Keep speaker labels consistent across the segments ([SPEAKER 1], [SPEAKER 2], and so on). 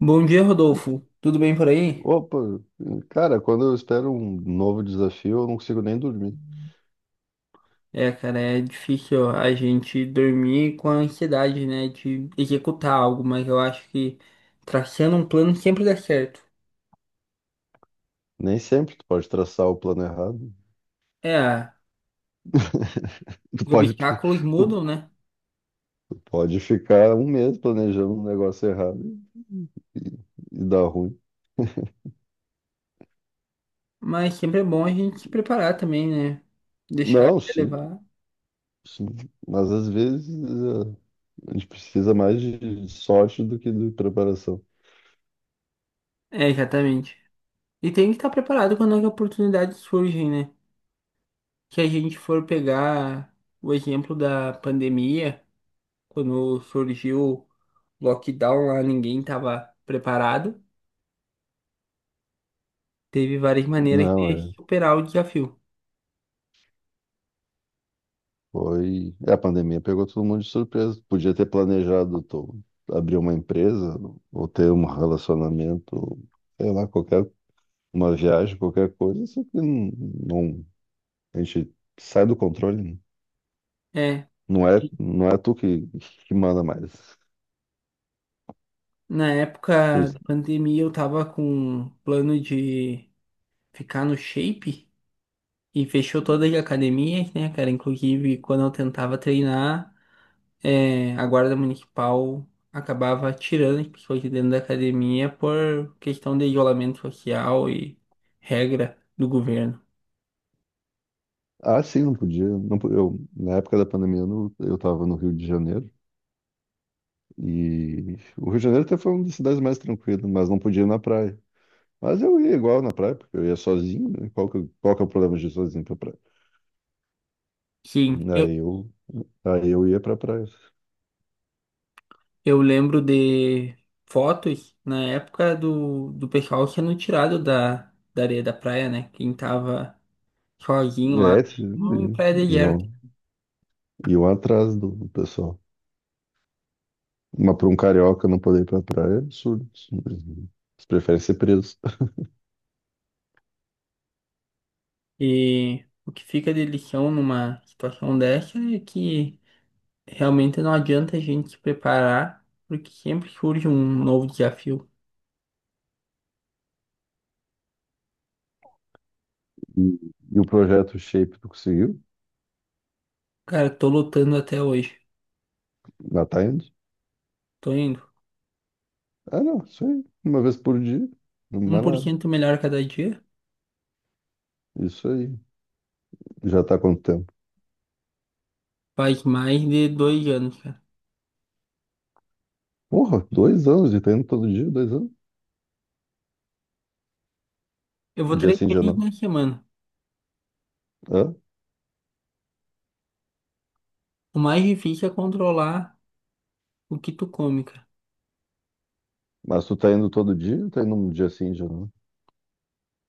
[SPEAKER 1] Bom dia, Rodolfo. Tudo bem por aí?
[SPEAKER 2] Opa, cara, quando eu espero um novo desafio, eu não consigo nem dormir.
[SPEAKER 1] É, cara, é difícil a gente dormir com a ansiedade, né, de executar algo, mas eu acho que traçando um plano sempre dá certo.
[SPEAKER 2] Nem sempre tu pode traçar o plano errado.
[SPEAKER 1] É,
[SPEAKER 2] Tu
[SPEAKER 1] os
[SPEAKER 2] pode,
[SPEAKER 1] obstáculos
[SPEAKER 2] tu
[SPEAKER 1] mudam, né?
[SPEAKER 2] pode ficar um mês planejando um negócio errado e dar ruim.
[SPEAKER 1] Mas sempre é bom a gente se preparar também, né? Deixar a
[SPEAKER 2] Não,
[SPEAKER 1] vida
[SPEAKER 2] sim,
[SPEAKER 1] levar.
[SPEAKER 2] sim. Mas às vezes a gente precisa mais de sorte do que de preparação.
[SPEAKER 1] É, exatamente. E tem que estar preparado quando as oportunidades surgem, né? Se a gente for pegar o exemplo da pandemia. Quando surgiu o lockdown lá, ninguém estava preparado. Teve várias maneiras
[SPEAKER 2] Não,
[SPEAKER 1] de
[SPEAKER 2] é.
[SPEAKER 1] superar o desafio.
[SPEAKER 2] Foi. A pandemia pegou todo mundo de surpresa. Podia ter planejado tu abrir uma empresa ou ter um relacionamento, sei lá, qualquer uma viagem, qualquer coisa, isso aqui não, não- a gente sai do controle, né?
[SPEAKER 1] É,
[SPEAKER 2] Não é tu que manda mais.
[SPEAKER 1] na
[SPEAKER 2] Por
[SPEAKER 1] época
[SPEAKER 2] isso.
[SPEAKER 1] de pandemia, eu tava com um plano de ficar no shape e fechou todas as academias, né, cara? Inclusive, quando eu tentava treinar, é, a guarda municipal acabava tirando as pessoas de dentro da academia por questão de isolamento social e regra do governo.
[SPEAKER 2] Ah, sim, não podia. Não, eu, na época da pandemia, eu estava no Rio de Janeiro, e o Rio de Janeiro até foi uma das cidades mais tranquilas, mas não podia ir na praia. Mas eu ia igual na praia, porque eu ia sozinho, né? Qual que é o problema de ir sozinho pra praia?
[SPEAKER 1] Sim, eu,
[SPEAKER 2] Aí eu, aí eu ia pra praia.
[SPEAKER 1] Eu lembro de fotos na época do pessoal sendo tirado da areia da praia, né? Quem tava sozinho lá,
[SPEAKER 2] É,
[SPEAKER 1] mesmo em praia
[SPEAKER 2] e
[SPEAKER 1] deserta.
[SPEAKER 2] eu, e eu atrás do pessoal. Mas para um carioca não poder ir pra praia é absurdo. Isso. Eles preferem ser presos.
[SPEAKER 1] E o que fica de lição numa situação dessa é que realmente não adianta a gente se preparar, porque sempre surge um novo desafio.
[SPEAKER 2] E, e o projeto Shape tu conseguiu?
[SPEAKER 1] Cara, tô lutando até hoje.
[SPEAKER 2] Já tá indo?
[SPEAKER 1] Tô indo.
[SPEAKER 2] Ah, não, isso aí. Uma vez por dia. Não
[SPEAKER 1] um
[SPEAKER 2] mais
[SPEAKER 1] por
[SPEAKER 2] nada.
[SPEAKER 1] cento melhor cada dia.
[SPEAKER 2] Isso aí. Já tá há quanto tempo?
[SPEAKER 1] Faz mais de 2 anos, cara.
[SPEAKER 2] Porra, 2 anos e tá indo todo dia, 2 anos.
[SPEAKER 1] Eu vou
[SPEAKER 2] Um dia
[SPEAKER 1] três
[SPEAKER 2] sim, um dia
[SPEAKER 1] vezes
[SPEAKER 2] não.
[SPEAKER 1] na semana.
[SPEAKER 2] Hã?
[SPEAKER 1] O mais difícil é controlar o que tu come, cara?
[SPEAKER 2] Mas tu tá indo todo dia ou tá indo um dia sim, um dia não?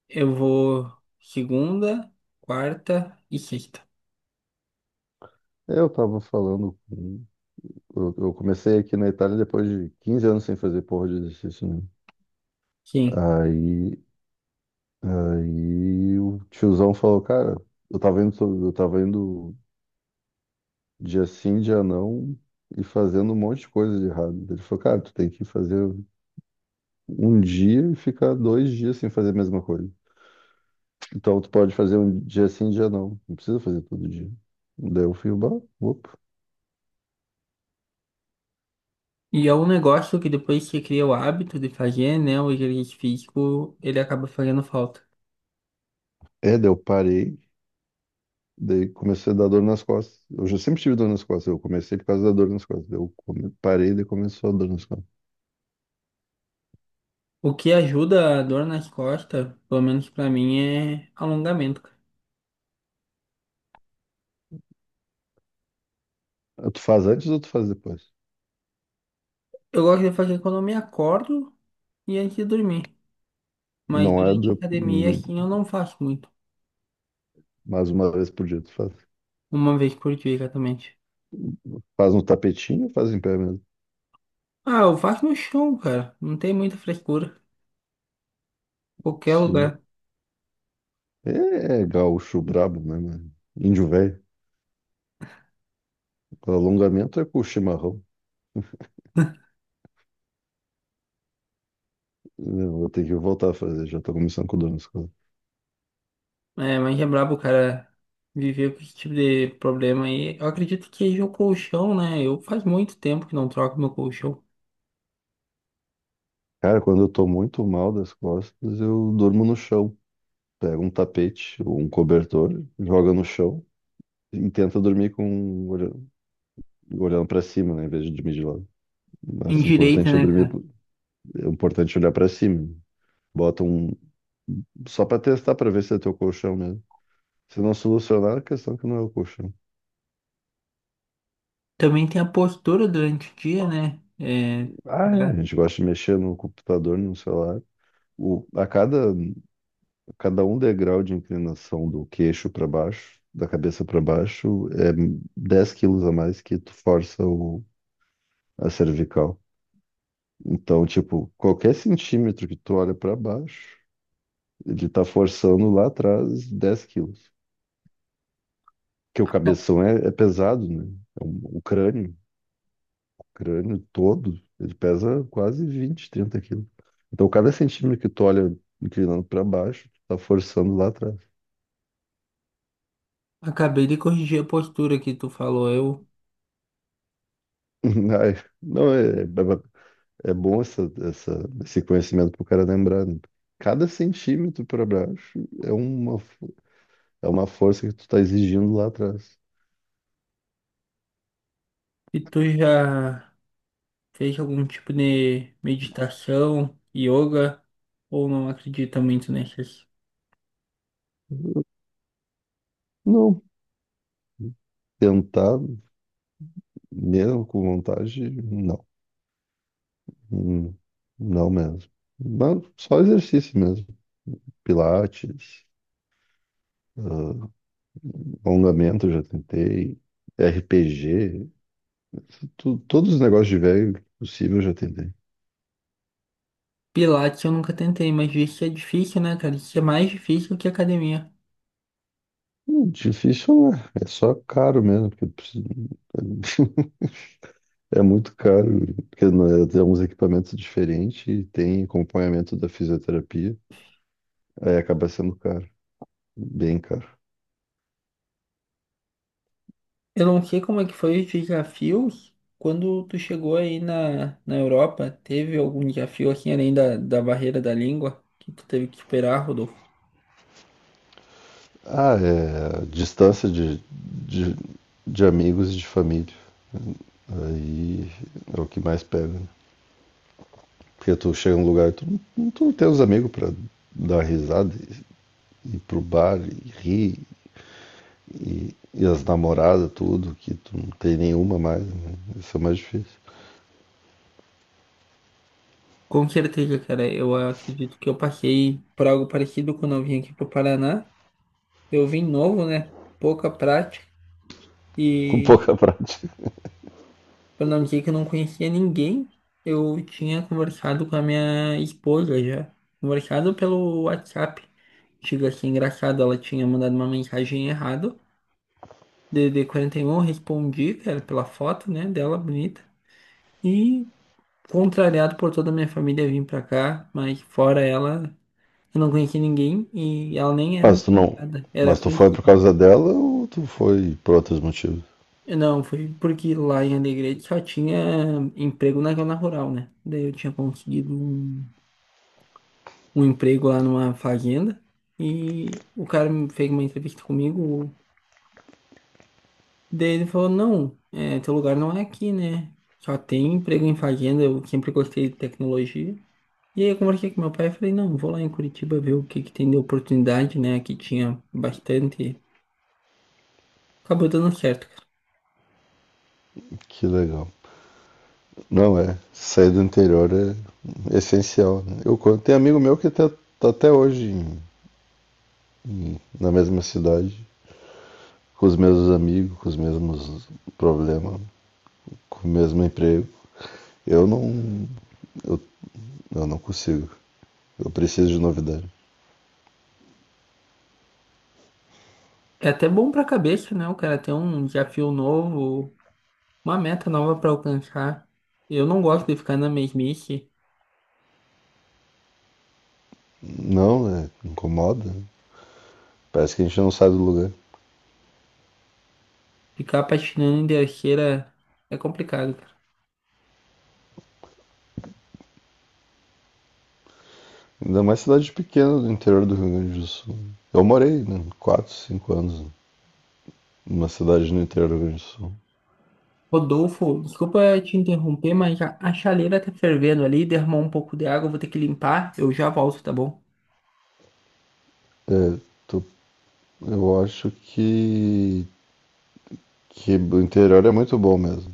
[SPEAKER 1] Eu vou segunda, quarta e sexta.
[SPEAKER 2] É, eu tava falando com. Eu comecei aqui na Itália depois de 15 anos sem fazer porra de exercício, né?
[SPEAKER 1] Sim.
[SPEAKER 2] Aí Aí o tiozão falou, cara, eu tava indo, eu tava indo dia sim, dia não, e fazendo um monte de coisa de errado. Ele falou, cara, tu tem que fazer um dia e ficar 2 dias sem fazer a mesma coisa. Então tu pode fazer um dia sim, dia não. Não precisa fazer todo dia. Daí eu fui, bah, opa.
[SPEAKER 1] E é um negócio que depois que você cria o hábito de fazer, né? O exercício físico, ele acaba fazendo falta.
[SPEAKER 2] É, daí eu parei, daí comecei a dar dor nas costas. Eu já sempre tive dor nas costas, eu comecei por causa da dor nas costas. Daí eu parei, daí começou a dor nas costas.
[SPEAKER 1] O que ajuda a dor nas costas, pelo menos pra mim, é alongamento, cara.
[SPEAKER 2] Ah, tu faz antes ou tu faz depois?
[SPEAKER 1] Eu gosto de fazer quando eu me acordo e antes de dormir. Mas
[SPEAKER 2] Não é
[SPEAKER 1] durante a
[SPEAKER 2] depois.
[SPEAKER 1] academia, assim, eu não faço muito.
[SPEAKER 2] Mas uma vez por dia tu faz.
[SPEAKER 1] Uma vez por dia, exatamente.
[SPEAKER 2] Faz no tapetinho ou faz em pé mesmo?
[SPEAKER 1] Ah, eu faço no chão, cara. Não tem muita frescura. Qualquer
[SPEAKER 2] Sim.
[SPEAKER 1] lugar.
[SPEAKER 2] É gaúcho brabo, né, mano? Índio velho. O alongamento é com o chimarrão. Eu vou ter que voltar a fazer, já tô começando com dor nas costas.
[SPEAKER 1] É, mas é brabo o cara viver com esse tipo de problema aí. Eu acredito que seja o colchão, né? Eu faz muito tempo que não troco meu colchão.
[SPEAKER 2] Cara, quando eu tô muito mal das costas, eu durmo no chão. Pega um tapete ou um cobertor, joga no chão e tenta dormir com olhando pra cima, né, em vez de dormir de lado.
[SPEAKER 1] Em
[SPEAKER 2] Mas o
[SPEAKER 1] direita,
[SPEAKER 2] importante é
[SPEAKER 1] né,
[SPEAKER 2] dormir,
[SPEAKER 1] cara?
[SPEAKER 2] é importante olhar pra cima. Bota um só pra testar pra ver se é teu colchão mesmo. Se não solucionar, a questão que não é o colchão.
[SPEAKER 1] Também tem a postura durante o dia, né? É,
[SPEAKER 2] Ah, é, a
[SPEAKER 1] já-
[SPEAKER 2] gente gosta de mexer no computador, no celular. O, a cada, cada um degrau de inclinação do queixo para baixo, da cabeça para baixo, é 10 quilos a mais que tu força a cervical. Então, tipo, qualquer centímetro que tu olha para baixo, ele tá forçando lá atrás 10 quilos. Porque o cabeção é pesado, né? O crânio. Crânio todo, ele pesa quase 20, 30 quilos. Então, cada centímetro que tu olha inclinando para baixo, tu tá forçando lá atrás.
[SPEAKER 1] acabei de corrigir a postura que tu falou.
[SPEAKER 2] Ai, não, é bom esse conhecimento pro cara lembrar, né? Cada centímetro para baixo é uma força que tu tá exigindo lá atrás.
[SPEAKER 1] E tu já fez algum tipo de meditação, yoga, ou não acredita muito nessas.
[SPEAKER 2] Não, tentar mesmo com vontade, não. Hum, Não mesmo. Mas só exercício mesmo. Pilates. ah, Alongamento, já tentei. RPG, todos os negócios de velho que possível eu já tentei.
[SPEAKER 1] Pilates eu nunca tentei, mas isso é difícil, né, cara? Isso é mais difícil que academia.
[SPEAKER 2] Difícil não é, só caro mesmo, porque é muito caro, porque não é- tem uns equipamentos diferentes e tem acompanhamento da fisioterapia, aí acaba sendo caro, bem caro.
[SPEAKER 1] Eu não sei como é que foi os desafios quando tu chegou aí na Europa. Teve algum desafio assim além da barreira da língua que tu teve que esperar, Rodolfo?
[SPEAKER 2] Ah, é distância de amigos e de família, aí é o que mais pega, né? Porque tu chega num lugar e tu não tem os amigos pra dar risada, ir pro bar e rir e as namoradas, tudo, que tu não tem nenhuma mais, né? Isso é mais difícil.
[SPEAKER 1] Com certeza, cara. Eu acredito que eu passei por algo parecido quando eu vim aqui pro Paraná. Eu vim novo, né? Pouca prática.
[SPEAKER 2] Com
[SPEAKER 1] E
[SPEAKER 2] pouca prática.
[SPEAKER 1] pra não dizer que eu não conhecia ninguém, eu tinha conversado com a minha esposa já. Conversado pelo WhatsApp. Digo assim, engraçado, ela tinha mandado uma mensagem errada. D D quarenta DDD41, respondi, cara, pela foto, né, dela bonita. E contrariado por toda a minha família vim pra cá, mas fora ela, eu não conheci ninguém e ela nem era
[SPEAKER 2] Mas
[SPEAKER 1] minha
[SPEAKER 2] tu não.
[SPEAKER 1] namorada, era
[SPEAKER 2] Mas tu foi por
[SPEAKER 1] conhecida.
[SPEAKER 2] causa dela ou tu foi por outros motivos?
[SPEAKER 1] Eu não, foi porque lá em Alegrete só tinha emprego na zona rural, né? Daí eu tinha conseguido um emprego lá numa fazenda e o cara me fez uma entrevista comigo. Daí ele falou, não, é, teu lugar não é aqui, né? Só tem emprego em fazenda, eu sempre gostei de tecnologia. E aí eu conversei com meu pai e falei, não, vou lá em Curitiba ver o que que tem de oportunidade, né? Aqui tinha bastante. Acabou dando certo.
[SPEAKER 2] Que legal. Não é. Sair do interior é essencial. Né? Tem amigo meu que até tá até hoje na mesma cidade, com os mesmos amigos, com os mesmos problemas, com o mesmo emprego. Eu não. Eu, eu não consigo. Eu preciso de novidade.
[SPEAKER 1] É até bom pra cabeça, né? O cara ter um desafio novo, uma meta nova pra alcançar. Eu não gosto de ficar na mesmice.
[SPEAKER 2] Não, né? Incomoda. Parece que a gente não sai do lugar.
[SPEAKER 1] Ficar patinando em terceira é complicado.
[SPEAKER 2] Ainda mais cidade pequena do interior do Rio Grande do Sul. Eu morei, né? 4, 5 anos numa cidade no interior do Rio Grande do Sul.
[SPEAKER 1] Rodolfo, desculpa te interromper, mas já a chaleira tá fervendo ali, derramou um pouco de água, eu vou ter que limpar, eu já volto, tá bom?
[SPEAKER 2] É, tu- eu acho que o interior é muito bom mesmo.